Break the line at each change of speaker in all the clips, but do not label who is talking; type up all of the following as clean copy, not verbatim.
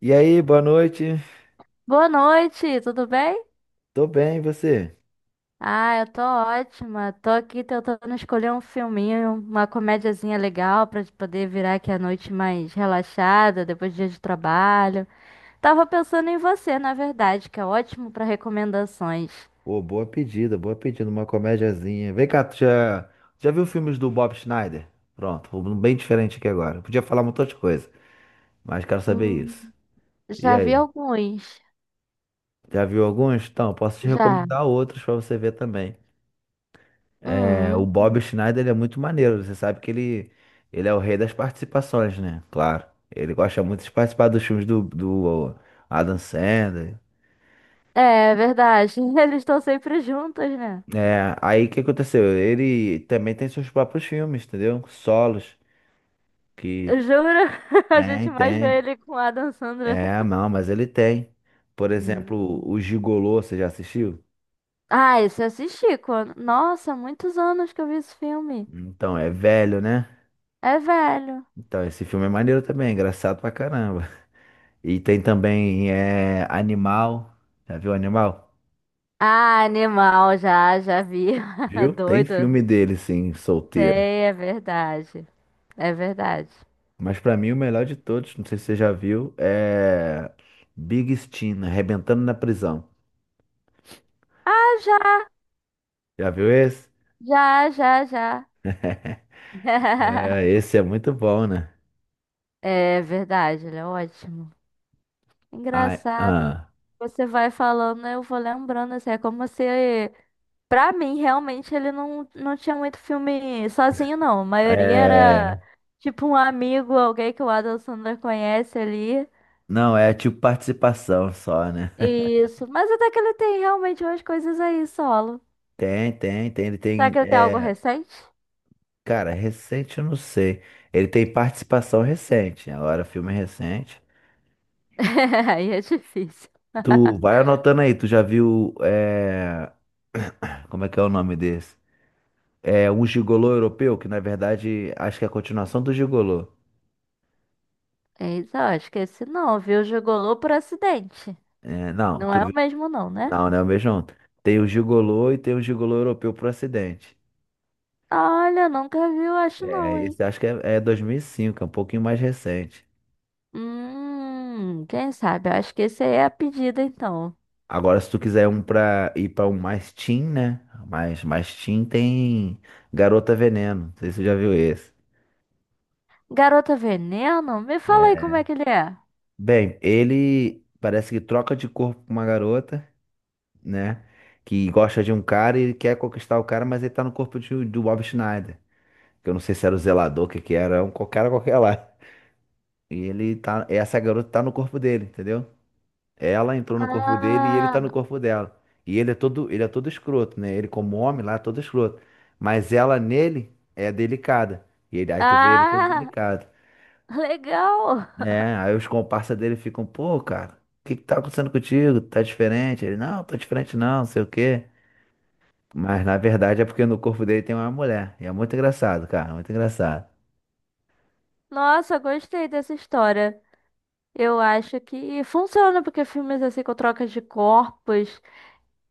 E aí, boa noite.
Boa noite, tudo bem?
Tô bem, e você?
Ah, eu tô ótima. Tô aqui tentando escolher um filminho, uma comediazinha legal pra poder virar aqui a noite mais relaxada, depois do dia de trabalho. Tava pensando em você, na verdade, que é ótimo pra recomendações.
Pô, boa pedida, uma comédiazinha. Vem cá, tu já viu filmes do Bob Schneider? Pronto, um bem diferente aqui agora. Podia falar um montão de coisa, mas quero saber isso.
Hum,
E
já vi
aí,
alguns.
já viu alguns? Então, posso te
Já.
recomendar outros pra você ver também. É, o
Hum,
Bob Schneider, ele é muito maneiro. Você sabe que ele é o rei das participações, né? Claro. Ele gosta muito de participar dos filmes do Adam Sandler.
é verdade. Eles estão sempre juntos, né?
É, aí o que aconteceu? Ele também tem seus próprios filmes, entendeu? Solos, que
Eu juro, a gente
tem,
mais vê
tem.
ele com a Adam Sandler.
É, não, mas ele tem. Por exemplo,
Hum.
o Gigolô, você já assistiu?
Ah, esse eu assisti quando. Nossa, muitos anos que eu vi esse filme.
Então, é velho, né?
É velho.
Então, esse filme é maneiro também, é engraçado pra caramba. E tem também Animal. Já viu Animal?
Ah, animal, já, já vi.
Viu? Tem
Doido.
filme dele, sim, solteiro.
Sei, é verdade. É verdade.
Mas pra mim, o melhor de todos, não sei se você já viu, é Big Steam, Arrebentando na Prisão.
Ah, já,
Já viu esse?
já, já, já.
É, esse é muito bom, né?
É verdade, ele é ótimo.
Ai,
Engraçado.
ah,
Você vai falando, eu vou lembrando, assim, é como se. Pra mim, realmente, ele não, não tinha muito filme sozinho, não. A maioria
é,
era tipo um amigo, alguém que o Adam Sandler conhece ali.
não, é tipo participação só, né?
E isso. Mas até que ele tem realmente umas coisas aí solo.
Tem, tem, tem. Ele
Será
tem.
que ele tem algo
é,
recente?
cara, recente eu não sei. Ele tem participação recente. Agora, filme recente.
Aí é difícil.
Tu vai anotando aí, tu já viu. Como é que é o nome desse? É um gigolô europeu, que na verdade acho que é a continuação do gigolô.
Eita, eu acho que esse não, viu? Gigolô por acidente.
É, não,
Não
tu
é o
viu?
mesmo, não, né?
Não, não é o mesmo. Tem o gigolô e tem o gigolô europeu pro acidente.
Olha, nunca vi, eu acho, não,
É,
hein?
esse acho que é 2005, é um pouquinho mais recente.
Quem sabe? Eu acho que esse aí é a pedida, então.
Agora, se tu quiser um pra ir pra um mais teen, né? Mais teen tem Garota Veneno. Não sei se você já viu esse,
Garota Veneno? Me fala aí
né?
como é que ele é.
Bem, ele parece que troca de corpo com uma garota, né? Que gosta de um cara e ele quer conquistar o cara, mas ele tá no corpo do Bob Schneider. Que eu não sei se era o zelador, o que que era, um cara qualquer lá. Essa garota tá no corpo dele, entendeu? Ela entrou no corpo dele e ele
Ah,
tá no corpo dela. E ele é todo escroto, né? Ele como homem lá é todo escroto. Mas ela nele é delicada. Aí tu vê ele todo
ah,
delicado.
legal.
É, aí os comparsas dele ficam, pô, cara, o que que tá acontecendo contigo? Tá diferente? Não, tô diferente não, não sei o quê. Mas na verdade é porque no corpo dele tem uma mulher. E é muito engraçado, cara, muito engraçado.
Nossa, gostei dessa história. Eu acho que funciona porque filmes assim com trocas de corpos,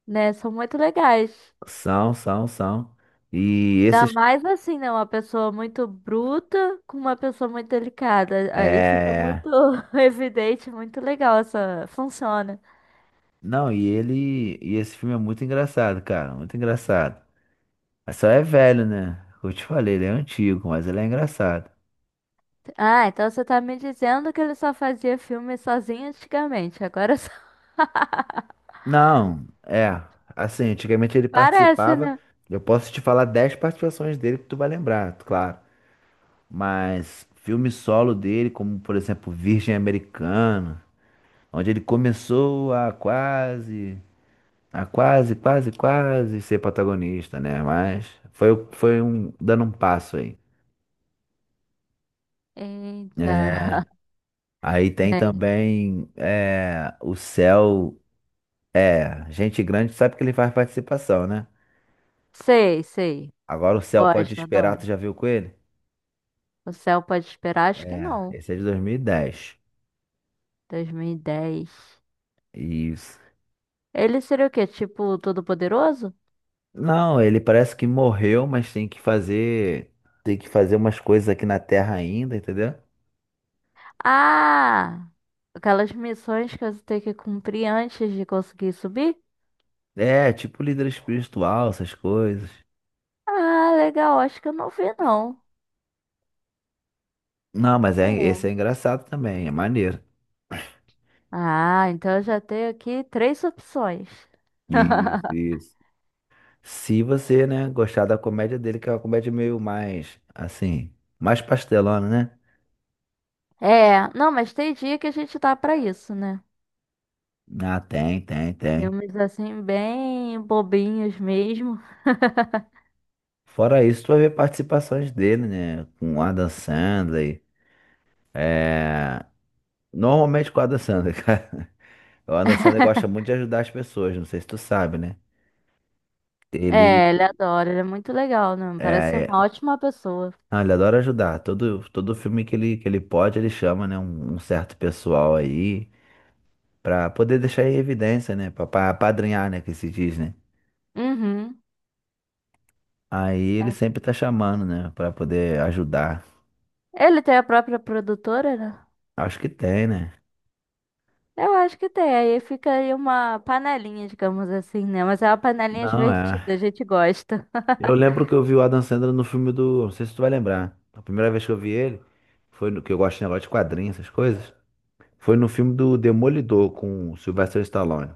né, são muito legais.
São, são, são. E
Ainda
esses.
mais assim, né, uma pessoa muito bruta com uma pessoa muito delicada. Aí fica muito
É.
evidente, muito legal essa, funciona.
Não, e ele. E esse filme é muito engraçado, cara. Muito engraçado. Mas só é velho, né? Eu te falei, ele é antigo, mas ele é engraçado.
Ah, então você tá me dizendo que ele só fazia filme sozinho antigamente, agora só.
Não, é. Assim, antigamente ele
Parece,
participava.
né?
Eu posso te falar 10 participações dele que tu vai lembrar, claro. Mas filme solo dele, como por exemplo Virgem Americana, onde ele começou a quase ser protagonista, né? Mas foi dando um passo aí.
Eita.
É. Aí tem
Bem,
também o céu. É, gente grande sabe que ele faz participação, né?
sei, sei.
Agora o Céu Pode
Gosto,
Esperar,
adoro.
tu já viu com ele?
O céu pode esperar? Acho que
É,
não.
esse é de 2010.
2010.
Isso.
Ele seria o quê? Tipo, todo-poderoso?
Não, ele parece que morreu, mas tem que fazer umas coisas aqui na Terra ainda, entendeu?
Ah! Aquelas missões que você tem que cumprir antes de conseguir subir?
É, tipo líder espiritual, essas coisas.
Ah, legal. Acho que eu não vi, não.
Não, mas é, esse é
É.
engraçado também, é maneiro.
Ah, então eu já tenho aqui três opções.
Isso, isso. Se você, né, gostar da comédia dele, que é uma comédia meio mais, assim, mais pastelona, né?
É, não, mas tem dia que a gente dá pra isso, né?
Ah, tem, tem, tem.
Filmes assim, bem bobinhos mesmo.
Fora isso, tu vai ver participações dele, né? Com o Adam Sandler. É... Normalmente com o Adam Sandler, cara. O Adam Sandler gosta muito de ajudar as pessoas, não sei se tu sabe, né? Ele,
É, ele adora, ele é muito legal, né?
é...
Parece ser uma
é-
ótima pessoa.
ah, ele adora ajudar. Todo filme que ele pode, ele chama, né? Um certo pessoal aí pra poder deixar em evidência, né? Pra apadrinhar, né? Que se diz, né?
Uhum.
Aí ele
É.
sempre tá chamando, né? Pra poder ajudar.
Ele tem a própria produtora, né?
Acho que tem, né?
Eu acho que tem. Aí fica aí uma panelinha, digamos assim, né? Mas é uma panelinha
Não, é.
divertida, a gente gosta.
Eu lembro que eu vi o Adam Sandler no filme do. Não sei se tu vai lembrar. A primeira vez que eu vi ele, foi no... que eu gosto de negócio de quadrinhos, essas coisas. Foi no filme do Demolidor com o Sylvester Stallone.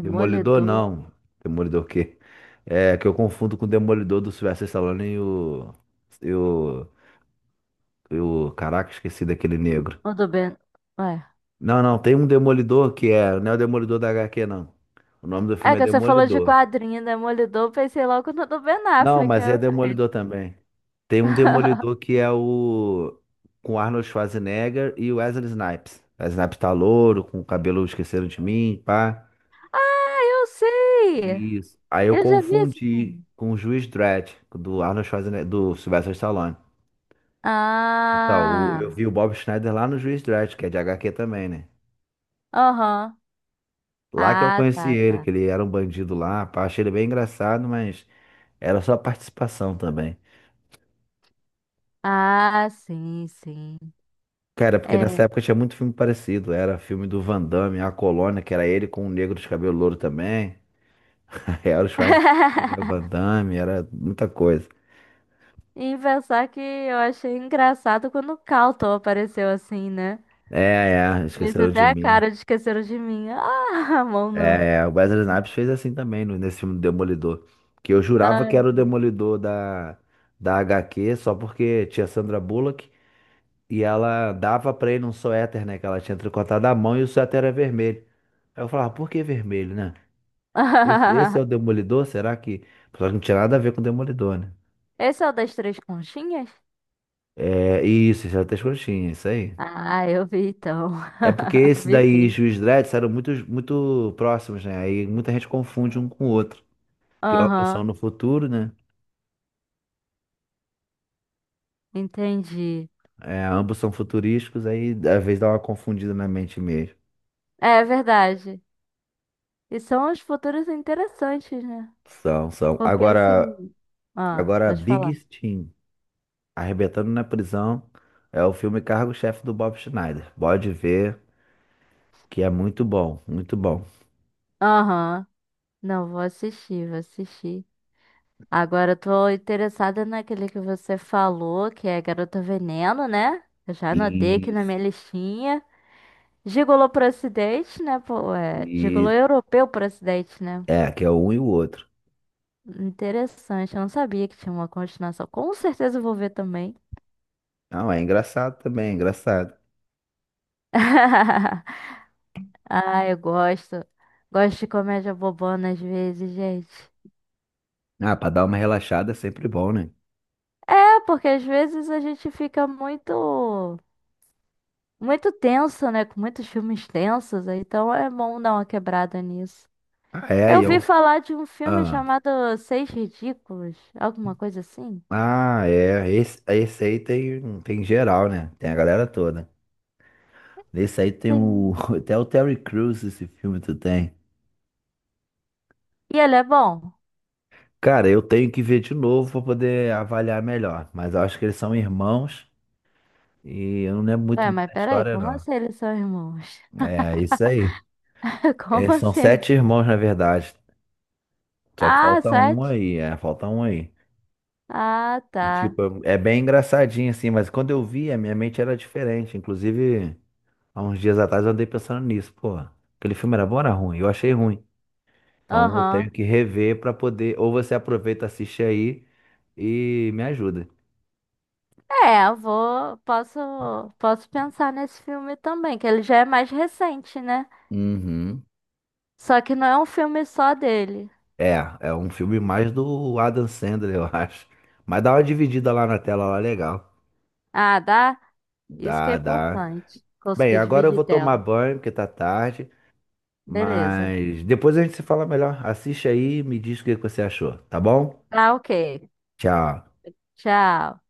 Demolidor não. Demolidor o quê? É que eu confundo com o Demolidor do Sylvester Stallone E o. Caraca, esqueci daquele negro.
O do Ben. Ué.
Não, não, tem um Demolidor que é. Não é o Demolidor da HQ, não. O nome do
É
filme é
que você falou de
Demolidor.
quadrinho, Demolidor, pensei logo no do Ben
Não,
Affleck.
mas é Demolidor também. Tem um Demolidor que é o. com Arnold Schwarzenegger e o Wesley Snipes. Wesley Snipes tá louro, com o cabelo esqueceram de mim, pá.
Ah, eu sei!
Isso. Aí eu
Eu já vi esse
confundi
filme.
com o Juiz Dredd, do Arnold Schwarzenegger, do Sylvester Stallone. Então, eu
Ah,
vi o Bob Schneider lá no Juiz Dredd, que é de HQ também, né?
aham.
Lá que eu
Ah,
conheci
tá,
ele,
tá.
que ele era um bandido lá, pá. Achei ele bem engraçado, mas era só participação também.
Ah, sim, sim.
Cara, porque
É.
nessa época tinha muito filme parecido. Era filme do Van Damme, A Colônia, que era ele com o negro de cabelo louro também. Era o Schwarzenegger, o Van Damme, era muita coisa.
Em pensar que eu achei engraçado quando o Calton apareceu assim, né?
É, é,
Fez
esqueceram de
até a
mim.
cara de esqueceram de mim. Ah, mão não.
É, o Wesley Snipes fez assim também nesse filme do Demolidor. Que eu jurava que
Ai,
era
meu
o
Deus.
Demolidor da HQ, só porque tinha Sandra Bullock e ela dava pra ele um suéter, né? Que ela tinha tricotado à mão e o suéter era vermelho. Aí eu falava, por que vermelho, né? Esse é o Demolidor? Será que. Só que não tinha nada a ver com o Demolidor, né?
Esse é o das três conchinhas?
É, isso é até escrotinho, isso aí.
Ah, eu vi então.
É porque esse
Vi
daí e
sim.
Juiz Dredd eram muito, muito próximos, né? Aí muita gente confunde um com o outro. Porque ambos são
Aham,
no futuro, né?
entendi.
É, ambos são futurísticos, aí às vezes dá uma confundida na mente mesmo.
É verdade. E são os futuros interessantes, né?
São, são.
Porque
Agora,
assim. Ah,
agora
pode
Big
falar.
Steam, Arrebentando na Prisão, é o filme Cargo-Chefe do Bob Schneider. Pode ver que é muito bom, muito bom.
Aham. Não, vou assistir, vou assistir. Agora eu tô interessada naquele que você falou, que é Garota Veneno, né? Eu já anotei aqui na
Isso.
minha listinha. Gigolô pro Ocidente, né? Pô, é, Gigolô europeu pro Ocidente, né?
É, que é um e o outro.
Interessante, eu não sabia que tinha uma continuação. Com certeza eu vou ver também.
Não, é engraçado também, é engraçado.
Ah, eu gosto. Gosto de comédia bobona às vezes, gente.
Ah, pra dar uma relaxada é sempre bom, né?
Porque às vezes a gente fica muito, muito tenso, né? Com muitos filmes tensos, aí então é bom dar uma quebrada nisso.
Ah, é, e
Eu vi
eu.
falar de um filme
Ah,
chamado Seis Ridículos, alguma coisa assim.
ah é. Esse aí tem geral, né? Tem a galera toda. Nesse aí tem o.
Sim.
Até o Terry Crews, esse filme tu tem.
E ele é bom?
Cara, eu tenho que ver de novo pra poder avaliar melhor. Mas eu acho que eles são irmãos e eu não lembro muito
Ué,
bem
mas
da
peraí,
história,
como
não.
assim eles são irmãos?
É, isso aí.
Como
Eles são
assim?
sete irmãos, na verdade. Só que
Ah,
falta um
sete?
aí, falta um aí.
Ah,
E,
tá.
tipo, é bem engraçadinho assim, mas quando eu vi, a minha mente era diferente. Inclusive, há uns dias atrás eu andei pensando nisso, pô, aquele filme era bom ou era ruim? Eu achei ruim. Então eu tenho
Aham.
que rever pra poder. Ou você aproveita, assiste aí e me ajuda.
É, eu vou. Posso pensar nesse filme também, que ele já é mais recente, né?
Uhum.
Só que não é um filme só dele.
É, é um filme mais do Adam Sandler, eu acho. Mas dá uma dividida lá na tela, lá legal.
Ah, dá? Isso que é
Dá, dá.
importante.
Bem,
Consegui
agora eu
dividir
vou
tela.
tomar banho, porque tá tarde.
Beleza.
Mas depois a gente se fala melhor. Assiste aí e me diz o que que você achou, tá bom?
Tá, ok.
Tchau.
Tchau.